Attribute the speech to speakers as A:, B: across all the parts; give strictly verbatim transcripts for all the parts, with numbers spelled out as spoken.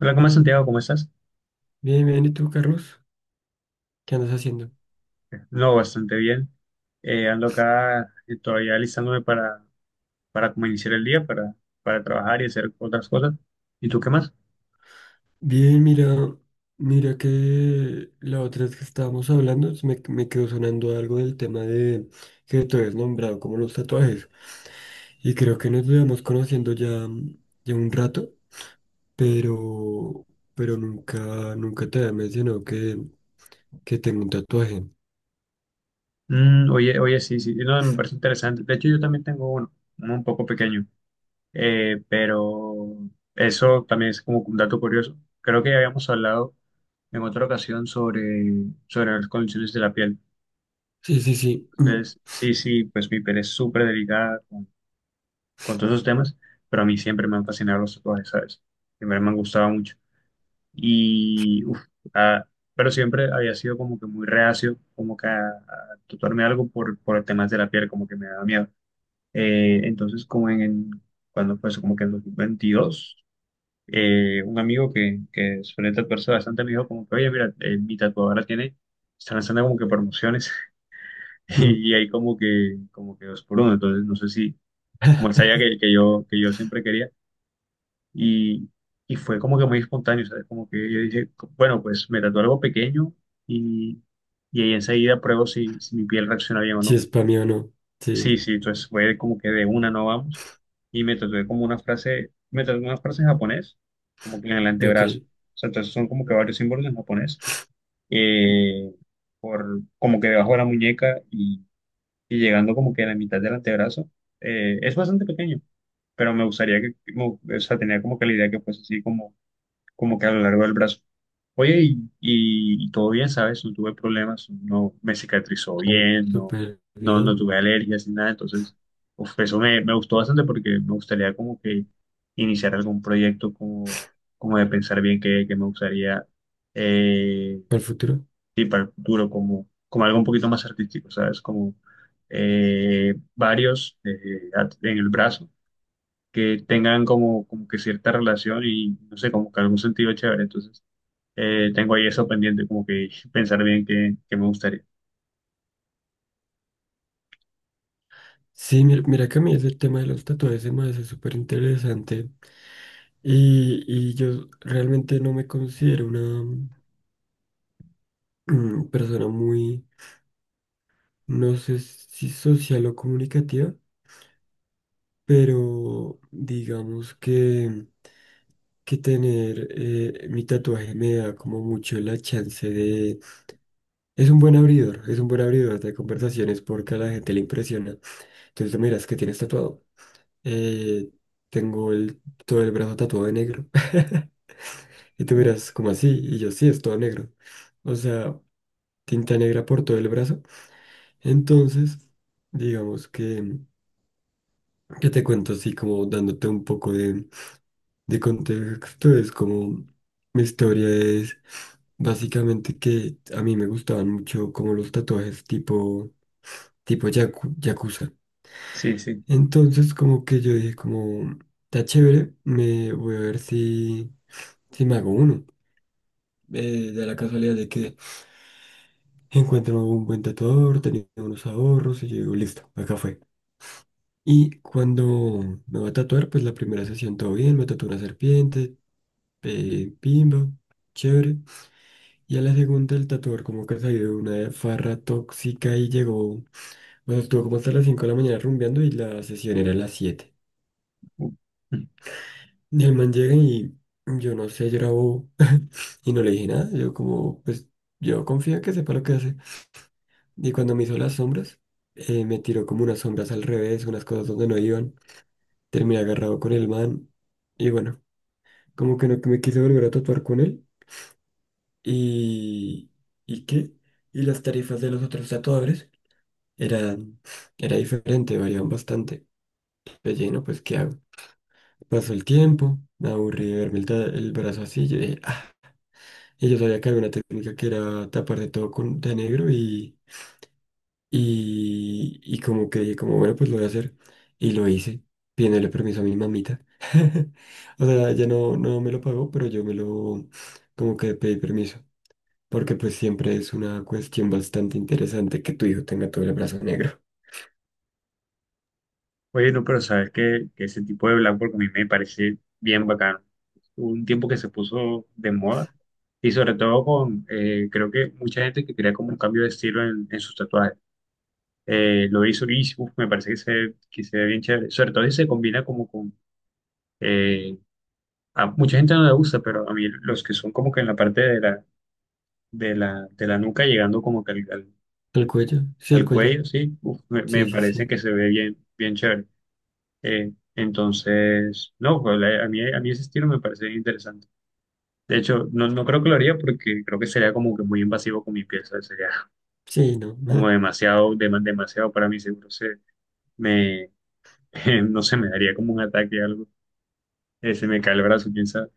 A: Hola, ¿cómo es Santiago? ¿Cómo estás?
B: Bien, bien, ¿y tú, Carlos? ¿Qué andas haciendo?
A: No, bastante bien. Eh, ando acá eh, todavía alistándome para, para como iniciar el día, para, para trabajar y hacer otras cosas. ¿Y tú qué más?
B: Bien, mira, mira que la otra vez que estábamos hablando se me, me quedó sonando algo del tema de que tú habías nombrado como los tatuajes. Y creo que nos llevamos conociendo ya, ya un rato, pero, pero nunca, nunca te había mencionado que, que tengo un tatuaje.
A: Mm, oye, oye, sí, sí, no, me parece interesante. De hecho, yo también tengo uno, uno un poco pequeño. Eh, pero eso también es como un dato curioso. Creo que ya habíamos hablado en otra ocasión sobre, sobre las condiciones de la piel.
B: Sí, sí, sí.
A: Entonces, sí, sí, pues mi piel es súper delicada con todos esos temas, pero a mí siempre me han fascinado los tatuajes, ¿sabes? Siempre me han gustado mucho. Y, uf, ah, pero siempre había sido como que muy reacio, como que a, a tatuarme algo por, por el tema de la piel, como que me daba miedo. Eh, entonces, como en, en- Cuando pues, como que en dos mil veintidós, eh, un amigo que, que suele tatuarse bastante me dijo como que, oye, mira, eh, mi tatuadora tiene, está lanzando como que promociones y, hay como que, como que dos por uno, entonces no sé si, como él sabía que, que yo, que yo siempre quería, Y, y fue como que muy espontáneo, ¿sabes? Como que yo dije, bueno, pues me tatué algo pequeño y, y ahí enseguida pruebo si, si mi piel reacciona bien o
B: Si
A: no.
B: es para mí o no.
A: Sí,
B: Sí,
A: sí, entonces fue como que de una no vamos. Y me tatué como una frase, me tatué una frase en japonés, como que en el
B: ok.
A: antebrazo. O sea, entonces son como que varios símbolos en japonés, eh, por, como que debajo de la muñeca y, y llegando como que a la mitad del antebrazo. Eh, es bastante pequeño, pero me gustaría que, como- o sea, tenía como que la idea que fuese así como como que a lo largo del brazo. Oye, y, y- y todo bien, ¿sabes? No tuve problemas, no me cicatrizó
B: A ver,
A: bien, no,
B: súper
A: no, no
B: bien.
A: tuve alergias ni nada, entonces, uf, eso me, me gustó bastante porque me gustaría como que iniciar algún proyecto como, como de pensar bien qué, qué me gustaría eh,
B: ¿Para el futuro?
A: sí, para el futuro, como, como algo un poquito más artístico, ¿sabes? Como eh, varios eh, at- en el brazo que tengan como, como que cierta relación y no sé, como que algún sentido chévere, entonces. Eh, tengo ahí eso pendiente, como que pensar bien qué, qué me gustaría.
B: Sí, mira, mira que a mí es el tema de los tatuajes se me hace súper interesante y, y yo realmente no me considero una mm, persona muy, no sé si social o comunicativa, pero digamos que, que tener eh, mi tatuaje me da como mucho la chance de... Es un buen abridor, es un buen abridor de conversaciones porque a la gente le impresiona. Entonces tú miras que tienes tatuado. Eh, tengo el, todo el brazo tatuado de negro. Y tú
A: Uh,
B: miras como así, y yo sí, es todo negro. O sea, tinta negra por todo el brazo. Entonces, digamos que, que te cuento así como dándote un poco de, de contexto. Es como mi historia es básicamente que a mí me gustaban mucho como los tatuajes tipo, tipo yaku- yakuza.
A: sí, sí.
B: Entonces, como que yo dije como, está chévere, me voy a ver si, si me hago uno. Eh, de la casualidad de que encuentro un buen tatuador, tenía unos ahorros y yo digo, listo, acá fue. Y cuando me va a tatuar, pues la primera sesión todo bien, me tatuó una serpiente, eh, pimba, chévere. Y a la segunda el tatuador como que salió de una farra tóxica y llegó, o estuvo como hasta las cinco de la mañana rumbeando y la sesión era a las siete.
A: Uh.
B: Y el man llega y yo no sé, yo y no le dije nada, yo como, pues yo confío en que sepa lo que hace. Y cuando me hizo las sombras, eh, me tiró como unas sombras al revés, unas cosas donde no iban. Terminé agarrado con el man. Y bueno, como que no me quise volver a tatuar con él. Y... ¿Y qué? Y las tarifas de los otros tatuadores eran... Era diferente, variaban bastante. Pues lleno, pues ¿qué hago? Pasó el tiempo, me aburrí de verme el, ta- el brazo así. Yo dije, "Ah". Y yo sabía que había una técnica que era tapar de todo con, de negro y... Y, y como que dije, como bueno, pues lo voy a hacer. Y lo hice, pidiéndole permiso a mi mamita. O sea, ella no, no me lo pagó, pero yo me lo, como que pedí permiso. Porque pues siempre es una cuestión bastante interesante que tu hijo tenga todo el brazo negro.
A: Bueno, pero sabes que, que ese tipo de blackboard a mí me parece bien bacano. Hubo un tiempo que se puso de moda y sobre todo con, eh, creo que mucha gente que quería como un cambio de estilo en, en sus tatuajes. Eh, lo hizo y uf, me parece que se, que se ve bien chévere. Sobre todo si se combina como con... eh, a mucha gente no le gusta, pero a mí los que son como que en la parte de la, de la, de la nuca llegando como que al, al-
B: ¿El cuello? Sí, el
A: al
B: cuello.
A: cuello, sí, uf, me,
B: Sí,
A: me
B: sí,
A: parece
B: sí.
A: que se ve bien, bien chévere. Eh, entonces, no, pues, la- A mí, a mí ese estilo me parece interesante. De hecho, no, no creo que lo haría porque creo que sería como que muy invasivo con mi piel, ¿sabes? Sería
B: Sí, no.
A: como demasiado, dema- demasiado para mí, seguro se me, no sé, me daría como un ataque o algo. Eh, se me cae el brazo, quién sabe,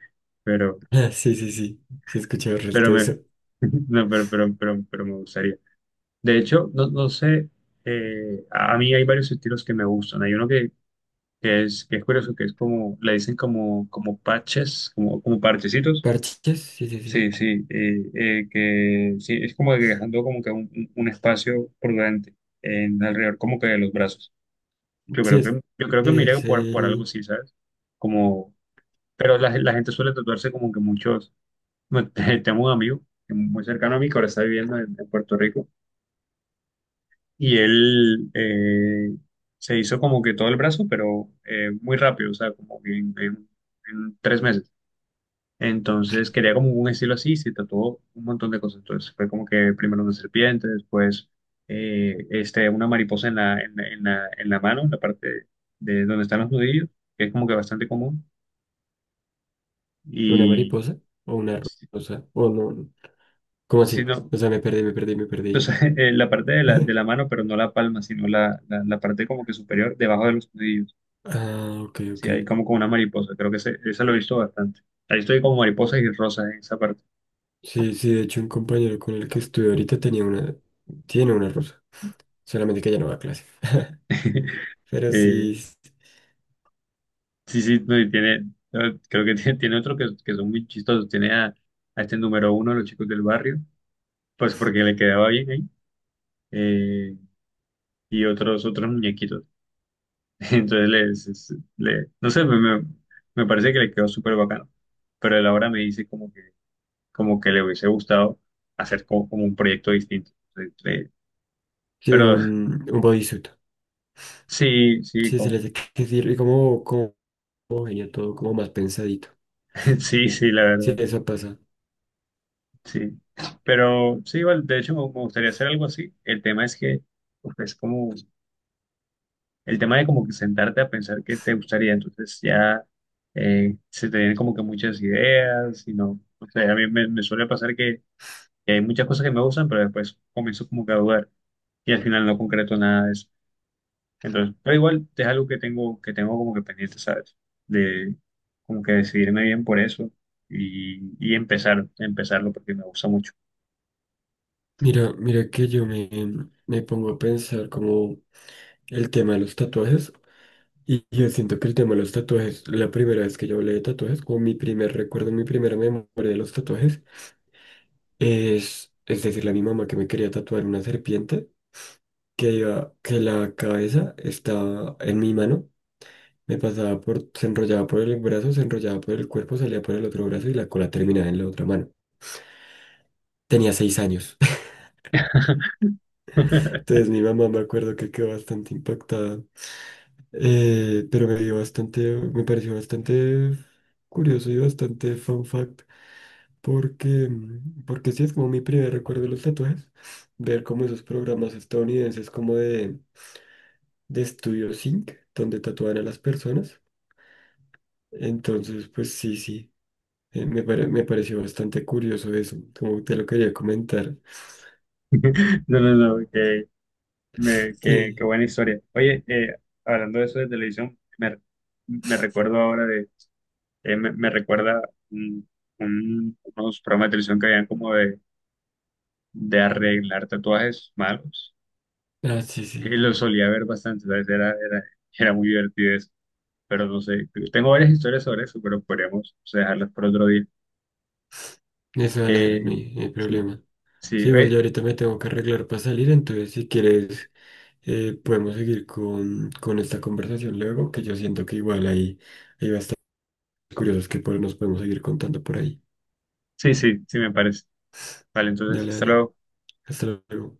A: pero,
B: Ah, sí, sí, sí. Sí, he escuchado el
A: pero
B: resto de
A: me,
B: eso.
A: no, pero, pero, pero, pero me gustaría. De hecho, no, no sé, eh, a a mí hay varios estilos que me gustan. Hay uno que que es, que es curioso, que es como, le dicen como, como parches, como, como parchecitos.
B: ¿Parches? Sí, sí, sí.
A: Sí, sí, eh, eh, que sí, es como que dejando como que un, un- un espacio prudente en alrededor como que de los brazos. Yo
B: Sí,
A: creo
B: es,
A: que, yo creo que me iría
B: es
A: por, por algo
B: el,
A: así, ¿sabes? Como, pero la, la gente suele tatuarse como que muchos, bueno, tengo un amigo muy cercano a mí que ahora está viviendo en, en Puerto Rico y él eh, se hizo como que todo el brazo, pero eh, muy rápido, o sea, como que en en- en tres meses. Entonces quería como un estilo así, y se tatuó un montón de cosas. Entonces fue como que primero una serpiente, después eh, este, una mariposa en la, en, la, en la- en la mano, en la parte de donde están los nudillos, que es como que bastante común.
B: una
A: Y
B: mariposa o una
A: si
B: rosa. O no. ¿Cómo
A: si
B: así?
A: no,
B: O sea, me perdí, me perdí, me perdí.
A: entonces eh, la parte de la, de la mano, pero no la palma, sino la, la, la parte como que superior, debajo de los nudillos.
B: Ah, ok,
A: Sí,
B: ok.
A: hay como con una mariposa, creo que ese, esa lo he visto bastante. Ahí estoy como mariposas y rosas en esa parte.
B: Sí, sí, de hecho un compañero con el que estuve ahorita tenía una, tiene una rusa, solamente que ya no va a clase. Pero
A: Eh,
B: sí, s-
A: Sí, sí, no, y tiene, eh, creo que tiene, tiene otro que, que son muy chistosos. Tiene a, a este número uno, de los chicos del barrio, pues porque le quedaba bien ahí, eh, y otros, otros muñequitos. Entonces, les, le, no sé, me, me- Me parece que le quedó súper bacano. Pero él ahora me dice como que, como que le hubiese gustado hacer como, como un proyecto distinto. Entonces, eh,
B: sí,
A: pero
B: un, un bodysuit.
A: sí, sí,
B: Sí, se le
A: como-
B: hace que que sí, y como, como homogéneo todo, como más pensadito.
A: sí, sí, la
B: Sí,
A: verdad.
B: eso pasa.
A: Sí, pero sí, igual, de hecho me me gustaría hacer algo así. El tema es que pues, es como el tema de como que sentarte a pensar qué te gustaría, entonces ya eh, se te vienen como que muchas ideas y no, o sea, a mí me, me suele pasar que, que hay muchas cosas que me gustan, pero después comienzo como que a dudar y al final no concreto nada de eso. Entonces, pero igual es algo que tengo que tengo como que pendiente, ¿sabes? De como que decidirme bien por eso y, y empezar, empezarlo porque me gusta mucho.
B: Mira, mira que yo me, me pongo a pensar como el tema de los tatuajes. Y yo siento que el tema de los tatuajes, la primera vez que yo hablé de tatuajes, como mi primer recuerdo, mi primera memoria de los tatuajes, es, es decirle a mi mamá que me quería tatuar una serpiente, que iba, que la cabeza estaba en mi mano, me pasaba por, se enrollaba por el brazo, se enrollaba por el cuerpo, salía por el otro brazo y la cola terminaba en la otra mano. Tenía seis años. Entonces mi mamá me acuerdo que quedó bastante impactada, eh, pero me dio bastante, me pareció bastante curioso y bastante fun fact. Porque, mm, porque sí es como mi primer recuerdo de los tatuajes, ver como esos programas estadounidenses como de, de Studio Sync, donde tatúan a las personas. Entonces, pues sí, sí, eh, me, pare- me pareció bastante curioso eso, como te lo quería comentar.
A: No, no, no, qué, me- qué- Qué
B: Sí,
A: buena historia. Oye, eh, hablando de eso de televisión, me, me recuerdo ahora de, eh, me, me recuerda un- un- unos programas de televisión que habían como de, de arreglar tatuajes malos.
B: ah, sí,
A: Y
B: sí,
A: lo solía ver bastante, ¿sabes? Era, era, era muy divertido eso. Pero no sé, tengo varias historias sobre eso, pero podríamos o sea, dejarlas por otro día.
B: eso dale, dale, no
A: Eh,
B: hay, no hay
A: sí,
B: problema.
A: sí,
B: Sí, igual yo
A: oye,
B: ahorita me tengo que arreglar para salir, entonces si quieres eh, podemos seguir con, con esta conversación luego, que yo siento que igual ahí... iba curiosas que por- nos podemos seguir contando por ahí.
A: sí, sí, sí, me parece. Vale, entonces,
B: Dale,
A: hasta
B: dale.
A: luego.
B: Hasta luego.